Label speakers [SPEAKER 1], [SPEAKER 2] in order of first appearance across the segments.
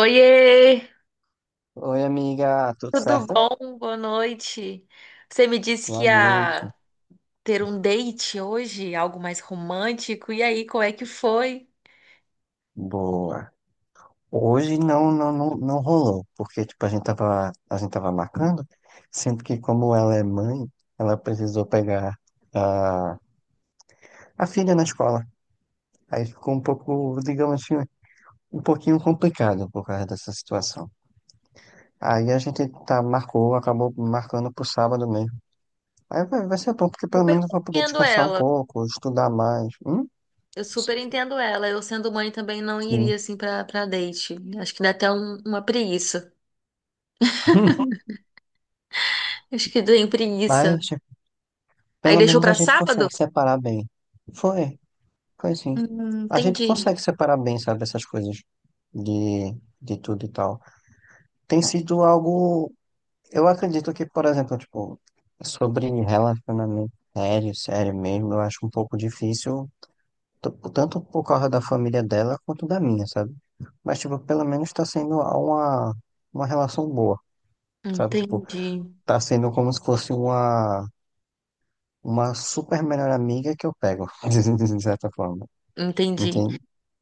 [SPEAKER 1] Oiê,
[SPEAKER 2] Oi, amiga, tudo
[SPEAKER 1] tudo
[SPEAKER 2] certo?
[SPEAKER 1] bom? Boa noite. Você me disse que
[SPEAKER 2] Boa noite.
[SPEAKER 1] ia ter um date hoje, algo mais romântico. E aí, qual é que foi?
[SPEAKER 2] Boa. Hoje não rolou, porque tipo, a gente tava marcando, sendo que como ela é mãe, ela precisou pegar a, a filha na escola. Aí ficou um pouco, digamos assim, um pouquinho complicado por causa dessa situação. Aí a gente acabou marcando pro sábado mesmo. Aí vai ser bom, porque pelo
[SPEAKER 1] Super
[SPEAKER 2] menos eu vou poder
[SPEAKER 1] compreendo
[SPEAKER 2] descansar um
[SPEAKER 1] ela.
[SPEAKER 2] pouco, estudar mais. Hum?
[SPEAKER 1] Eu super entendo ela. Eu sendo mãe também não
[SPEAKER 2] Sim.
[SPEAKER 1] iria assim pra para date. Acho que dá até uma preguiça. Acho que deu preguiça.
[SPEAKER 2] Mas
[SPEAKER 1] Aí
[SPEAKER 2] pelo
[SPEAKER 1] deixou
[SPEAKER 2] menos a
[SPEAKER 1] pra
[SPEAKER 2] gente
[SPEAKER 1] sábado?
[SPEAKER 2] consegue separar bem. Foi, foi sim. A gente
[SPEAKER 1] Entendi.
[SPEAKER 2] consegue separar bem, sabe, essas coisas de, de tudo e tal. Tem sido algo, eu acredito que, por exemplo, tipo, sobre relacionamento sério, sério mesmo, eu acho um pouco difícil, tanto por causa da família dela quanto da minha, sabe? Mas, tipo, pelo menos tá sendo uma relação boa, sabe? Tipo,
[SPEAKER 1] Entendi,
[SPEAKER 2] tá sendo como se fosse uma super melhor amiga que eu pego, de certa forma.
[SPEAKER 1] entendi.
[SPEAKER 2] Entende?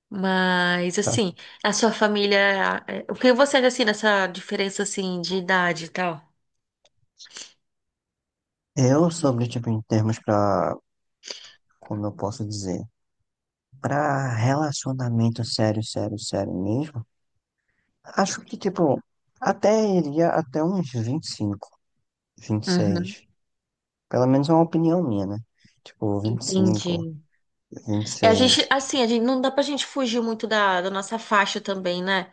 [SPEAKER 1] Mas
[SPEAKER 2] Tá.
[SPEAKER 1] assim, a sua família, o que você acha assim dessa diferença assim de idade e tal?
[SPEAKER 2] Eu sobre, tipo, em termos pra, como eu posso dizer, pra relacionamento sério, sério, sério mesmo, acho que, tipo, até iria até uns 25,
[SPEAKER 1] Uhum,
[SPEAKER 2] seis. Pelo menos é uma opinião minha, né? Tipo,
[SPEAKER 1] entendi.
[SPEAKER 2] 25,
[SPEAKER 1] É, a
[SPEAKER 2] seis.
[SPEAKER 1] gente, assim, a gente, não dá pra gente fugir muito da nossa faixa também, né?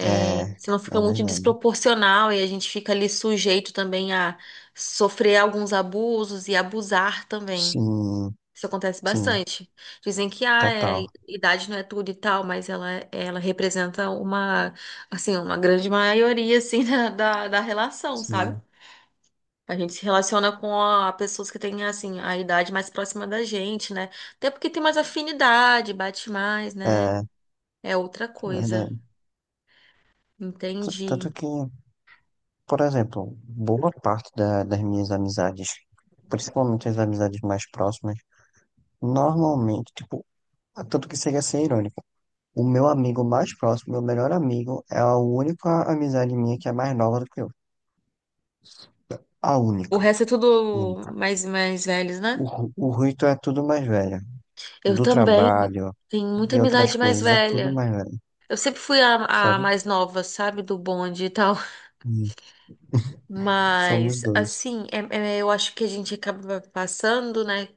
[SPEAKER 2] É,
[SPEAKER 1] senão fica
[SPEAKER 2] é
[SPEAKER 1] muito
[SPEAKER 2] verdade.
[SPEAKER 1] desproporcional e a gente fica ali sujeito também a sofrer alguns abusos e abusar também.
[SPEAKER 2] Sim,
[SPEAKER 1] Isso acontece
[SPEAKER 2] sim,
[SPEAKER 1] bastante. Dizem que ah, é,
[SPEAKER 2] total.
[SPEAKER 1] idade não é tudo e tal, mas ela representa uma, assim, uma grande maioria, assim, da relação, sabe?
[SPEAKER 2] Sim,
[SPEAKER 1] A gente se relaciona com a, pessoas que têm, assim, a idade mais próxima da gente, né? Até porque tem mais afinidade, bate mais,
[SPEAKER 2] é,
[SPEAKER 1] né?
[SPEAKER 2] é
[SPEAKER 1] É outra coisa.
[SPEAKER 2] verdade. T-
[SPEAKER 1] Entendi.
[SPEAKER 2] Tanto que, por exemplo, boa parte das minhas amizades, principalmente as amizades mais próximas, normalmente, tipo, tanto que chega a ser irônico, o meu amigo mais próximo, meu melhor amigo, é a única amizade minha que é mais nova do que eu. A
[SPEAKER 1] O
[SPEAKER 2] única,
[SPEAKER 1] resto é tudo
[SPEAKER 2] única.
[SPEAKER 1] mais velhos,
[SPEAKER 2] O,
[SPEAKER 1] né?
[SPEAKER 2] Ru- o Rito é tudo mais velho,
[SPEAKER 1] Eu
[SPEAKER 2] do
[SPEAKER 1] também
[SPEAKER 2] trabalho,
[SPEAKER 1] tenho muita
[SPEAKER 2] de outras
[SPEAKER 1] amizade mais
[SPEAKER 2] coisas, é tudo
[SPEAKER 1] velha.
[SPEAKER 2] mais velho,
[SPEAKER 1] Eu sempre fui a
[SPEAKER 2] sabe?
[SPEAKER 1] mais nova, sabe? Do bonde e tal.
[SPEAKER 2] Hum. Somos
[SPEAKER 1] Mas,
[SPEAKER 2] dois,
[SPEAKER 1] assim, eu acho que a gente acaba passando, né?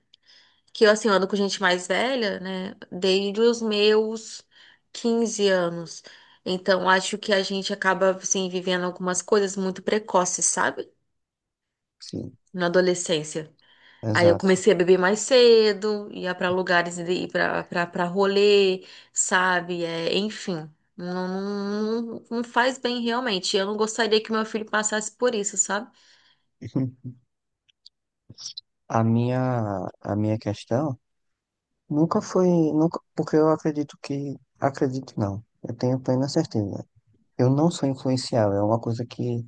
[SPEAKER 1] Que eu, assim, eu ando com gente mais velha, né? Desde os meus 15 anos. Então, acho que a gente acaba, assim, vivendo algumas coisas muito precoces, sabe?
[SPEAKER 2] sim,
[SPEAKER 1] Na adolescência. Aí eu
[SPEAKER 2] exato.
[SPEAKER 1] comecei a beber mais cedo, ia pra lugares, ir pra rolê, sabe? É, enfim, não, não, não não faz bem realmente. Eu não gostaria que meu filho passasse por isso, sabe?
[SPEAKER 2] A minha questão nunca foi, nunca, porque eu acredito que, acredito não, eu tenho plena certeza. Eu não sou influenciável, é uma coisa que,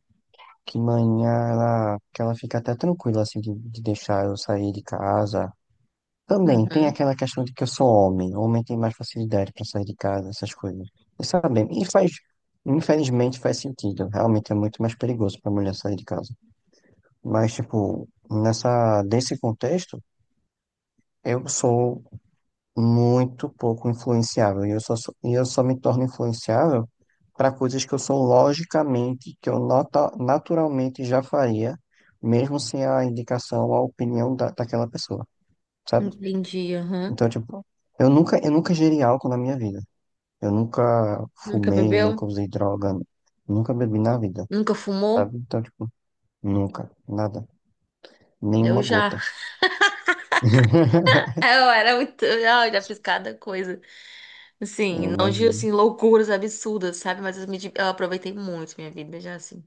[SPEAKER 2] que manhã ela, que ela fica até tranquila, assim, de deixar eu sair de casa. Também tem
[SPEAKER 1] Uhum,
[SPEAKER 2] aquela questão de que eu sou homem, homem tem mais facilidade para sair de casa, essas coisas. E sabe, e faz, infelizmente faz sentido, realmente é muito mais perigoso para mulher sair de casa. Mas, tipo, nessa, desse contexto, eu sou muito pouco influenciável. E eu só, sou- e eu só me torno influenciável para coisas que eu sou logicamente, que eu nota, naturalmente já faria, mesmo sem a indicação ou a opinião daquela pessoa, sabe?
[SPEAKER 1] entendi, aham.
[SPEAKER 2] Então, tipo, eu nunca gerei álcool na minha vida. Eu nunca
[SPEAKER 1] Nunca
[SPEAKER 2] fumei, nunca
[SPEAKER 1] bebeu?
[SPEAKER 2] usei droga, nunca bebi na vida,
[SPEAKER 1] Nunca fumou?
[SPEAKER 2] sabe? Então, tipo, nunca, nada,
[SPEAKER 1] Eu
[SPEAKER 2] nenhuma
[SPEAKER 1] já.
[SPEAKER 2] gota.
[SPEAKER 1] É, eu era muito. Ai, já fiz cada coisa.
[SPEAKER 2] Eu
[SPEAKER 1] Assim, não de
[SPEAKER 2] imagino.
[SPEAKER 1] assim, loucuras absurdas, sabe? Mas eu aproveitei muito minha vida, já assim.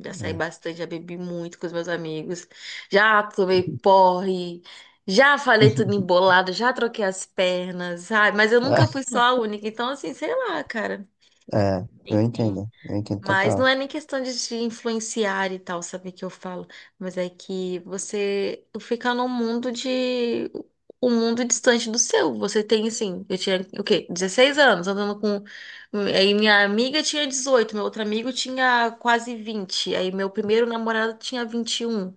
[SPEAKER 1] Já saí
[SPEAKER 2] É.
[SPEAKER 1] bastante, já bebi muito com os meus amigos. Já tomei porre. Já falei tudo embolado, já troquei as pernas, sabe? Mas eu nunca fui só a única. Então, assim, sei lá, cara.
[SPEAKER 2] É, eu
[SPEAKER 1] Enfim.
[SPEAKER 2] entendo, eu entendo
[SPEAKER 1] Mas não
[SPEAKER 2] total.
[SPEAKER 1] é nem questão de te influenciar e tal, sabe que eu falo, mas é que você fica num mundo de um mundo distante do seu. Você tem assim, eu tinha o quê? 16 anos, andando com, aí minha amiga tinha 18, meu outro amigo tinha quase 20, aí meu primeiro namorado tinha 21.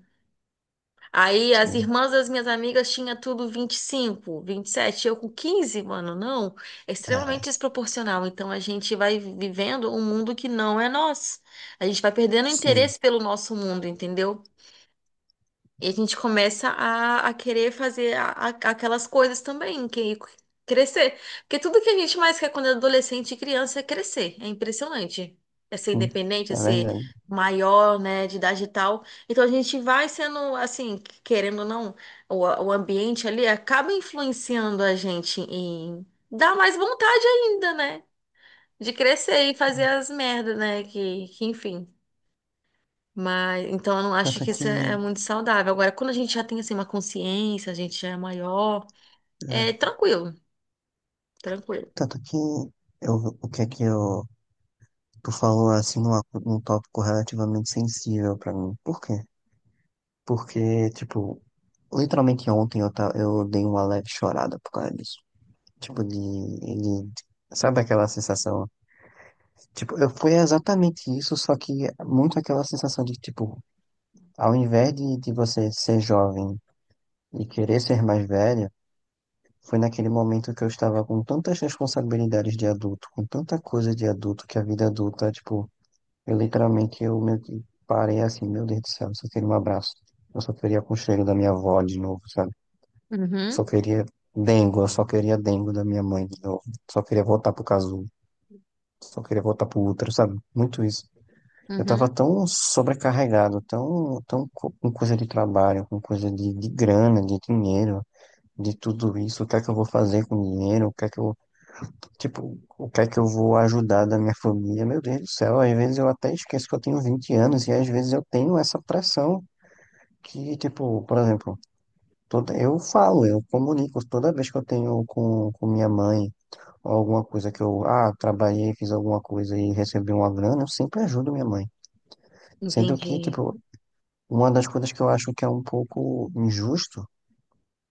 [SPEAKER 1] Aí as
[SPEAKER 2] Sim,
[SPEAKER 1] irmãs das minhas amigas tinha tudo 20, 25, 27, eu com 15, mano, não. É
[SPEAKER 2] é,
[SPEAKER 1] extremamente desproporcional. Então a gente vai vivendo um mundo que não é nosso. A gente vai perdendo
[SPEAKER 2] sim,
[SPEAKER 1] interesse pelo nosso mundo, entendeu? E a gente começa a querer fazer aquelas coisas também, que crescer. Porque tudo que a gente mais quer quando é adolescente e criança é crescer. É impressionante. É ser
[SPEAKER 2] sim,
[SPEAKER 1] independente, é
[SPEAKER 2] é
[SPEAKER 1] ser
[SPEAKER 2] verdade.
[SPEAKER 1] maior, né, de idade e tal. Então a gente vai sendo, assim, querendo ou não, o ambiente ali acaba influenciando a gente em dar mais vontade ainda, né? De crescer e fazer as merdas, né? Que enfim. Mas então eu não acho
[SPEAKER 2] Tanto
[SPEAKER 1] que
[SPEAKER 2] que,
[SPEAKER 1] isso é muito saudável. Agora, quando a gente já tem assim uma consciência, a gente já é maior, é
[SPEAKER 2] é,
[SPEAKER 1] tranquilo, tranquilo.
[SPEAKER 2] tanto que eu, o que é que eu, tu falou assim num, num tópico relativamente sensível pra mim. Por quê? Porque, tipo, literalmente ontem eu, eu dei uma leve chorada por causa disso. Tipo, de, sabe aquela sensação? Tipo, eu fui exatamente isso, só que muito aquela sensação de, tipo, ao invés de você ser jovem e querer ser mais velho, foi naquele momento que eu estava com tantas responsabilidades de adulto, com tanta coisa de adulto, que a vida adulta, tipo, eu literalmente eu meio que parei assim, meu Deus do céu, eu só queria um abraço. Eu só queria com o cheiro da minha avó de novo, sabe?
[SPEAKER 1] Uhum,
[SPEAKER 2] Só queria dengo, eu só queria dengo da minha mãe de novo. Só queria voltar pro casulo, só queria voltar pro útero, sabe? Muito isso. Eu tava
[SPEAKER 1] uhum.
[SPEAKER 2] tão sobrecarregado, tão, tão com coisa de trabalho, com coisa de grana, de dinheiro, de tudo isso. O que é que eu vou fazer com o dinheiro? O que é que eu... tipo, o que é que eu vou ajudar da minha família? Meu Deus do céu, às vezes eu até esqueço que eu tenho 20 anos e às vezes eu tenho essa pressão que, tipo, por exemplo, toda, eu falo, eu comunico toda vez que eu tenho com minha mãe ou alguma coisa que eu, ah, trabalhei, fiz alguma coisa e recebi uma grana, eu sempre ajudo minha mãe. Sendo que,
[SPEAKER 1] Entendi.
[SPEAKER 2] tipo, uma das coisas que eu acho que é um pouco injusto,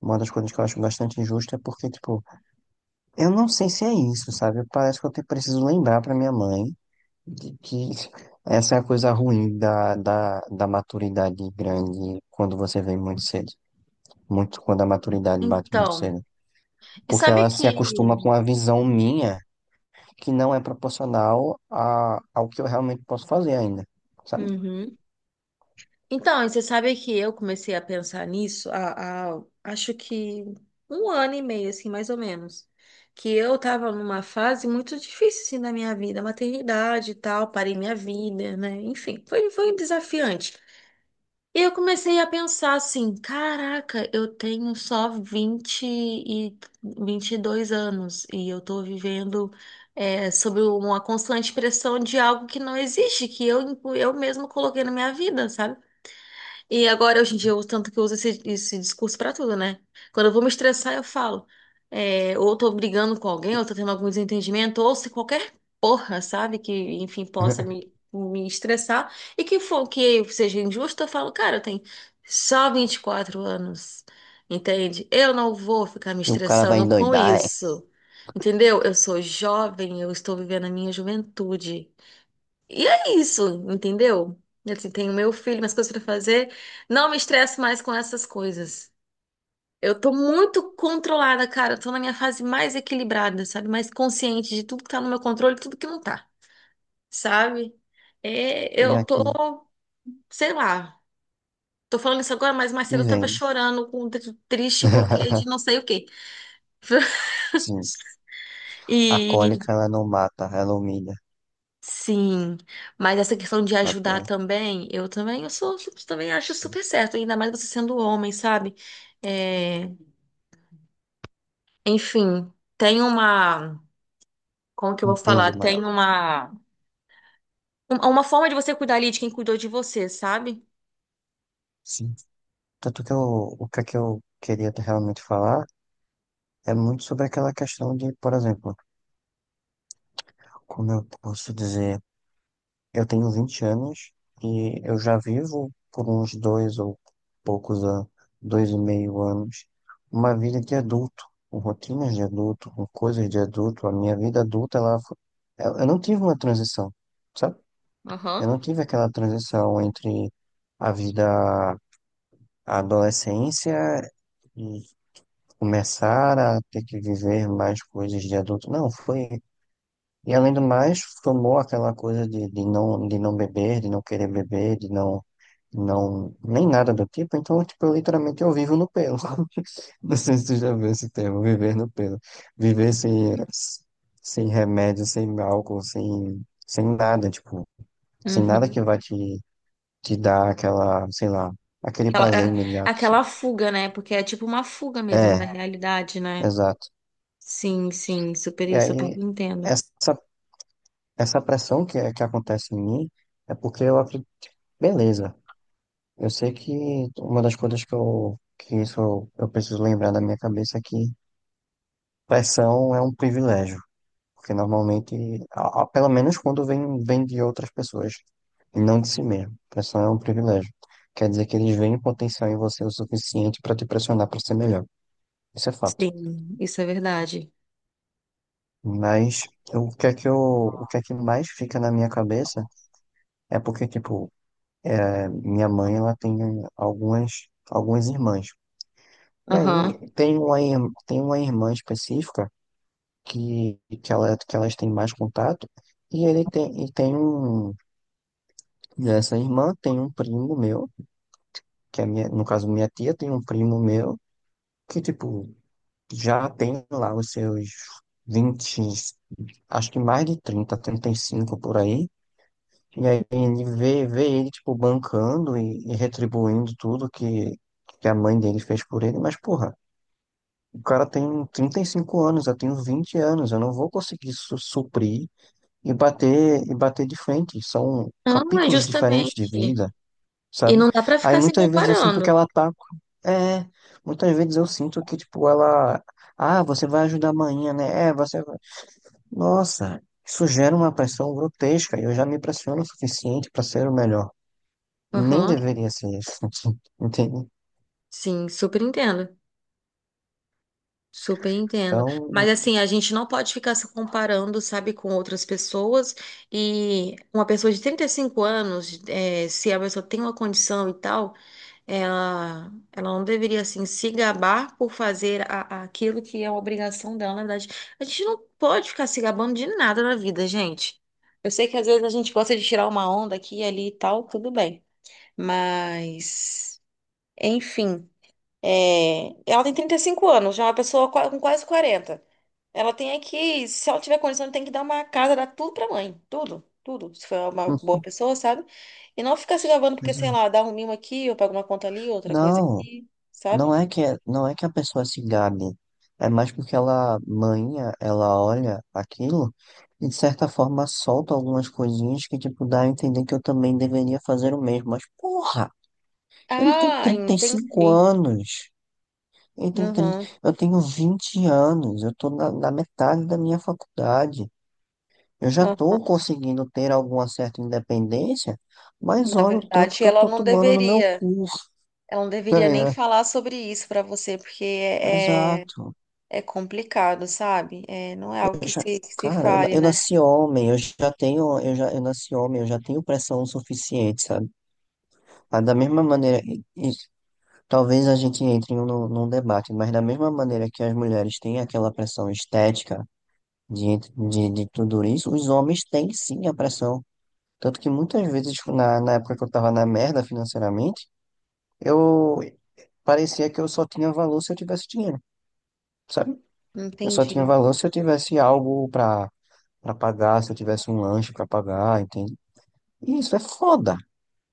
[SPEAKER 2] uma das coisas que eu acho bastante injusta é porque, tipo, eu não sei se é isso, sabe? Parece que eu preciso lembrar pra minha mãe de que essa é a coisa ruim da maturidade grande quando você vem muito cedo. Muito quando a maturidade bate muito
[SPEAKER 1] Então,
[SPEAKER 2] cedo.
[SPEAKER 1] e
[SPEAKER 2] Porque
[SPEAKER 1] sabe
[SPEAKER 2] ela se acostuma com
[SPEAKER 1] que.
[SPEAKER 2] a visão minha que não é proporcional a, ao que eu realmente posso fazer ainda, sabe?
[SPEAKER 1] Uhum. Então, e você sabe que eu comecei a pensar nisso há, acho que um ano e meio, assim, mais ou menos. Que eu tava numa fase muito difícil, assim, da minha vida, maternidade e tal, parei minha vida, né? Enfim, foi desafiante. E eu comecei a pensar assim, caraca, eu tenho só 22 anos e eu tô vivendo sob uma constante pressão de algo que não existe, que eu mesmo coloquei na minha vida, sabe? E agora, hoje em dia, eu uso tanto que eu uso esse discurso pra tudo, né? Quando eu vou me estressar, eu falo. É, ou tô brigando com alguém, ou tô tendo algum desentendimento, ou se qualquer porra, sabe? Que, enfim, possa me estressar. E que for que seja injusto, eu falo, cara, eu tenho só 24 anos, entende? Eu não vou ficar me
[SPEAKER 2] E o cara vai
[SPEAKER 1] estressando com
[SPEAKER 2] endoidar, é,
[SPEAKER 1] isso, entendeu? Eu sou jovem, eu estou vivendo a minha juventude. E é isso, entendeu? Assim, tenho meu filho, minhas coisas pra fazer. Não me estresso mais com essas coisas. Eu tô muito controlada, cara. Eu tô na minha fase mais equilibrada, sabe? Mais consciente de tudo que tá no meu controle e tudo que não tá, sabe? É,
[SPEAKER 2] vem
[SPEAKER 1] eu tô,
[SPEAKER 2] aqui
[SPEAKER 1] sei lá. Tô falando isso agora, mas mais cedo
[SPEAKER 2] e
[SPEAKER 1] eu tava
[SPEAKER 2] vem.
[SPEAKER 1] chorando, triste porque de não sei o quê.
[SPEAKER 2] Sim, a
[SPEAKER 1] E
[SPEAKER 2] cólica ela não mata, ela humilha.
[SPEAKER 1] sim, mas essa questão de
[SPEAKER 2] A
[SPEAKER 1] ajudar
[SPEAKER 2] cólica,
[SPEAKER 1] também, eu também, eu também acho
[SPEAKER 2] sim.
[SPEAKER 1] super certo, ainda mais você sendo homem, sabe? É, enfim, tem uma, como que eu
[SPEAKER 2] Um
[SPEAKER 1] vou
[SPEAKER 2] peso
[SPEAKER 1] falar?
[SPEAKER 2] maior.
[SPEAKER 1] Tem uma, uma forma de você cuidar ali de quem cuidou de você, sabe?
[SPEAKER 2] Sim. Tanto que eu, o que é que eu queria realmente falar é muito sobre aquela questão de, por exemplo, como eu posso dizer, eu tenho 20 anos e eu já vivo por uns dois ou poucos anos, 2,5 anos, uma vida de adulto, com rotinas de adulto, com coisas de adulto. A minha vida adulta, ela, eu não tive uma transição, sabe? Eu
[SPEAKER 1] Aham.
[SPEAKER 2] não tive aquela transição entre a vida, a adolescência e começar a ter que viver mais coisas de adulto. Não, foi... e além do mais, formou aquela coisa de não, de não beber, de não querer beber, de não, não, nem nada do tipo. Então, tipo, eu literalmente eu vivo no pelo. Não sei se tu já viu esse termo, viver no pelo. Viver sem, sem remédio, sem álcool, sem, sem nada, tipo, sem nada que
[SPEAKER 1] Uhum.
[SPEAKER 2] vai te, te dar aquela, sei lá, aquele
[SPEAKER 1] Aquela,
[SPEAKER 2] prazer imediato assim.
[SPEAKER 1] aquela fuga, né? Porque é tipo uma fuga mesmo
[SPEAKER 2] É,
[SPEAKER 1] da realidade, né?
[SPEAKER 2] exato.
[SPEAKER 1] Sim, sim,
[SPEAKER 2] E
[SPEAKER 1] super, super
[SPEAKER 2] aí,
[SPEAKER 1] entendo.
[SPEAKER 2] essa, essa pressão que, é, que acontece em mim é porque eu acredito, beleza. Eu sei que uma das coisas que eu, que isso eu preciso lembrar da minha cabeça é que pressão é um privilégio, porque normalmente, pelo menos quando vem, vem de outras pessoas, e não de si mesmo. Pressão é um privilégio. Quer dizer que eles veem potencial em você o suficiente para te pressionar para ser melhor. Isso é fato.
[SPEAKER 1] Sim, isso é verdade.
[SPEAKER 2] Mas eu, o que é que eu, o que é que mais fica na minha cabeça é porque, tipo, é, minha mãe, ela tem algumas, algumas irmãs. E
[SPEAKER 1] Aham.
[SPEAKER 2] aí tem uma irmã específica que, ela, que elas têm mais contato. E ele tem, e tem um, essa irmã tem um primo meu, que é minha, no caso minha tia tem um primo meu, que tipo, já tem lá os seus 20, acho que mais de trinta, trinta e cinco por aí. E aí ele vê, vê ele, tipo, bancando e retribuindo tudo que a mãe dele fez por ele, mas porra. O cara tem 35 anos, eu tenho 20 anos, eu não vou conseguir suprir e bater de frente. São
[SPEAKER 1] Não, é
[SPEAKER 2] capítulos diferentes de
[SPEAKER 1] justamente.
[SPEAKER 2] vida,
[SPEAKER 1] E
[SPEAKER 2] sabe?
[SPEAKER 1] não dá pra
[SPEAKER 2] Aí
[SPEAKER 1] ficar se
[SPEAKER 2] muitas vezes eu sinto que
[SPEAKER 1] comparando.
[SPEAKER 2] ela tá. É, muitas vezes eu sinto que, tipo, ela... ah, você vai ajudar amanhã, né? É, você vai. Nossa, isso gera uma pressão grotesca. E eu já me pressiono o suficiente para ser o melhor. Nem
[SPEAKER 1] Aham.
[SPEAKER 2] deveria ser isso, entende?
[SPEAKER 1] Sim, super entendo. Super entendo.
[SPEAKER 2] Então,
[SPEAKER 1] Mas assim, a gente não pode ficar se comparando, sabe, com outras pessoas. E uma pessoa de 35 anos, se a pessoa tem uma condição e tal, ela não deveria, assim, se gabar por fazer aquilo que é uma obrigação dela, na verdade. A gente não pode ficar se gabando de nada na vida, gente. Eu sei que às vezes a gente gosta de tirar uma onda aqui e ali e tal, tudo bem. Mas. Enfim, é, ela tem 35 anos, já é uma pessoa com quase 40. Ela tem é que, se ela tiver condição, tem que dar uma casa, dar tudo pra mãe. Tudo, tudo. Se for uma
[SPEAKER 2] hum,
[SPEAKER 1] boa pessoa, sabe? E não ficar se gabando porque, sei
[SPEAKER 2] exato.
[SPEAKER 1] lá, dá um mimo aqui, ou pago uma conta ali, outra coisa
[SPEAKER 2] Não.
[SPEAKER 1] aqui, sabe?
[SPEAKER 2] Não é que, é, não é que a pessoa se gabe, é mais porque ela, manha, ela olha aquilo e de certa forma solta algumas coisinhas que, tipo, dá a entender que eu também deveria fazer o mesmo. Mas, porra, ele tem
[SPEAKER 1] Ah,
[SPEAKER 2] 35
[SPEAKER 1] entendi.
[SPEAKER 2] anos, ele tem 30,
[SPEAKER 1] Uhum.
[SPEAKER 2] eu tenho 20 anos, eu tô na, na metade da minha faculdade. Eu já
[SPEAKER 1] Uhum.
[SPEAKER 2] tô conseguindo ter alguma certa independência, mas
[SPEAKER 1] Na
[SPEAKER 2] olha o tanto
[SPEAKER 1] verdade,
[SPEAKER 2] que eu
[SPEAKER 1] ela
[SPEAKER 2] tô
[SPEAKER 1] não
[SPEAKER 2] tomando no meu
[SPEAKER 1] deveria.
[SPEAKER 2] cu,
[SPEAKER 1] Ela não
[SPEAKER 2] tá
[SPEAKER 1] deveria nem
[SPEAKER 2] ligado?
[SPEAKER 1] falar sobre isso pra você, porque é,
[SPEAKER 2] Exato.
[SPEAKER 1] é complicado, sabe? É, não é algo
[SPEAKER 2] Eu já,
[SPEAKER 1] que se
[SPEAKER 2] cara,
[SPEAKER 1] fale,
[SPEAKER 2] eu
[SPEAKER 1] né?
[SPEAKER 2] nasci homem, eu já tenho, eu já, eu nasci homem, eu já tenho pressão suficiente, sabe? Mas da mesma maneira, e talvez a gente entre em num debate, mas da mesma maneira que as mulheres têm aquela pressão estética de tudo isso, os homens têm sim a pressão. Tanto que muitas vezes, tipo, na, na época que eu tava na merda financeiramente, eu parecia que eu só tinha valor se eu tivesse dinheiro, sabe? Eu só tinha
[SPEAKER 1] Entendi,
[SPEAKER 2] valor se eu tivesse algo pra para pagar, se eu tivesse um lanche para pagar, entende? E isso é foda.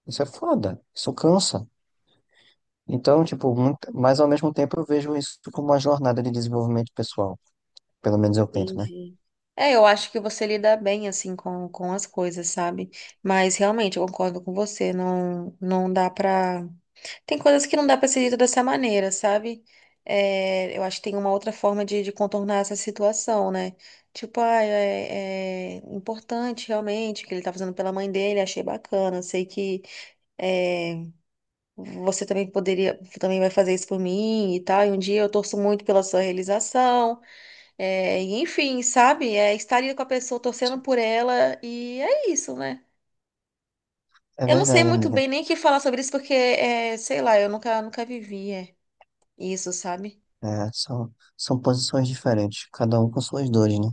[SPEAKER 2] Isso é foda. Isso cansa. Então, tipo, muito... mas ao mesmo tempo eu vejo isso como uma jornada de desenvolvimento pessoal. Pelo menos eu tento, né?
[SPEAKER 1] entendi. É, eu acho que você lida bem assim com as coisas, sabe? Mas realmente eu concordo com você, não dá pra. Tem coisas que não dá pra ser dito dessa maneira, sabe? É, eu acho que tem uma outra forma de contornar essa situação, né? Tipo, ah, é, é importante realmente o que ele tá fazendo pela mãe dele, achei bacana, sei que é, você também poderia, também vai fazer isso por mim e tal, e um dia eu torço muito pela sua realização. É, e enfim, sabe? É estar ali com a pessoa, torcendo por ela, e é isso, né?
[SPEAKER 2] É
[SPEAKER 1] Eu não sei
[SPEAKER 2] verdade,
[SPEAKER 1] muito
[SPEAKER 2] amiga.
[SPEAKER 1] bem nem o que falar sobre isso, porque, é, sei lá, eu nunca vivi é, isso, sabe?
[SPEAKER 2] É, são, são posições diferentes, cada um com suas dores, né?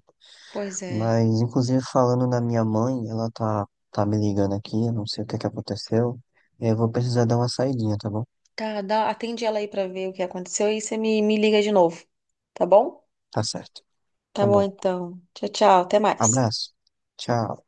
[SPEAKER 1] Pois é.
[SPEAKER 2] Mas, inclusive, falando na minha mãe, ela tá, tá me ligando aqui, eu não sei o que é que aconteceu. Eu vou precisar dar uma saidinha, tá bom?
[SPEAKER 1] Tá, dá, atende ela aí pra ver o que aconteceu e você me liga de novo, tá bom?
[SPEAKER 2] Tá certo.
[SPEAKER 1] Tá
[SPEAKER 2] Tá
[SPEAKER 1] bom,
[SPEAKER 2] bom.
[SPEAKER 1] então. Tchau, tchau, até mais.
[SPEAKER 2] Abraço. Tchau.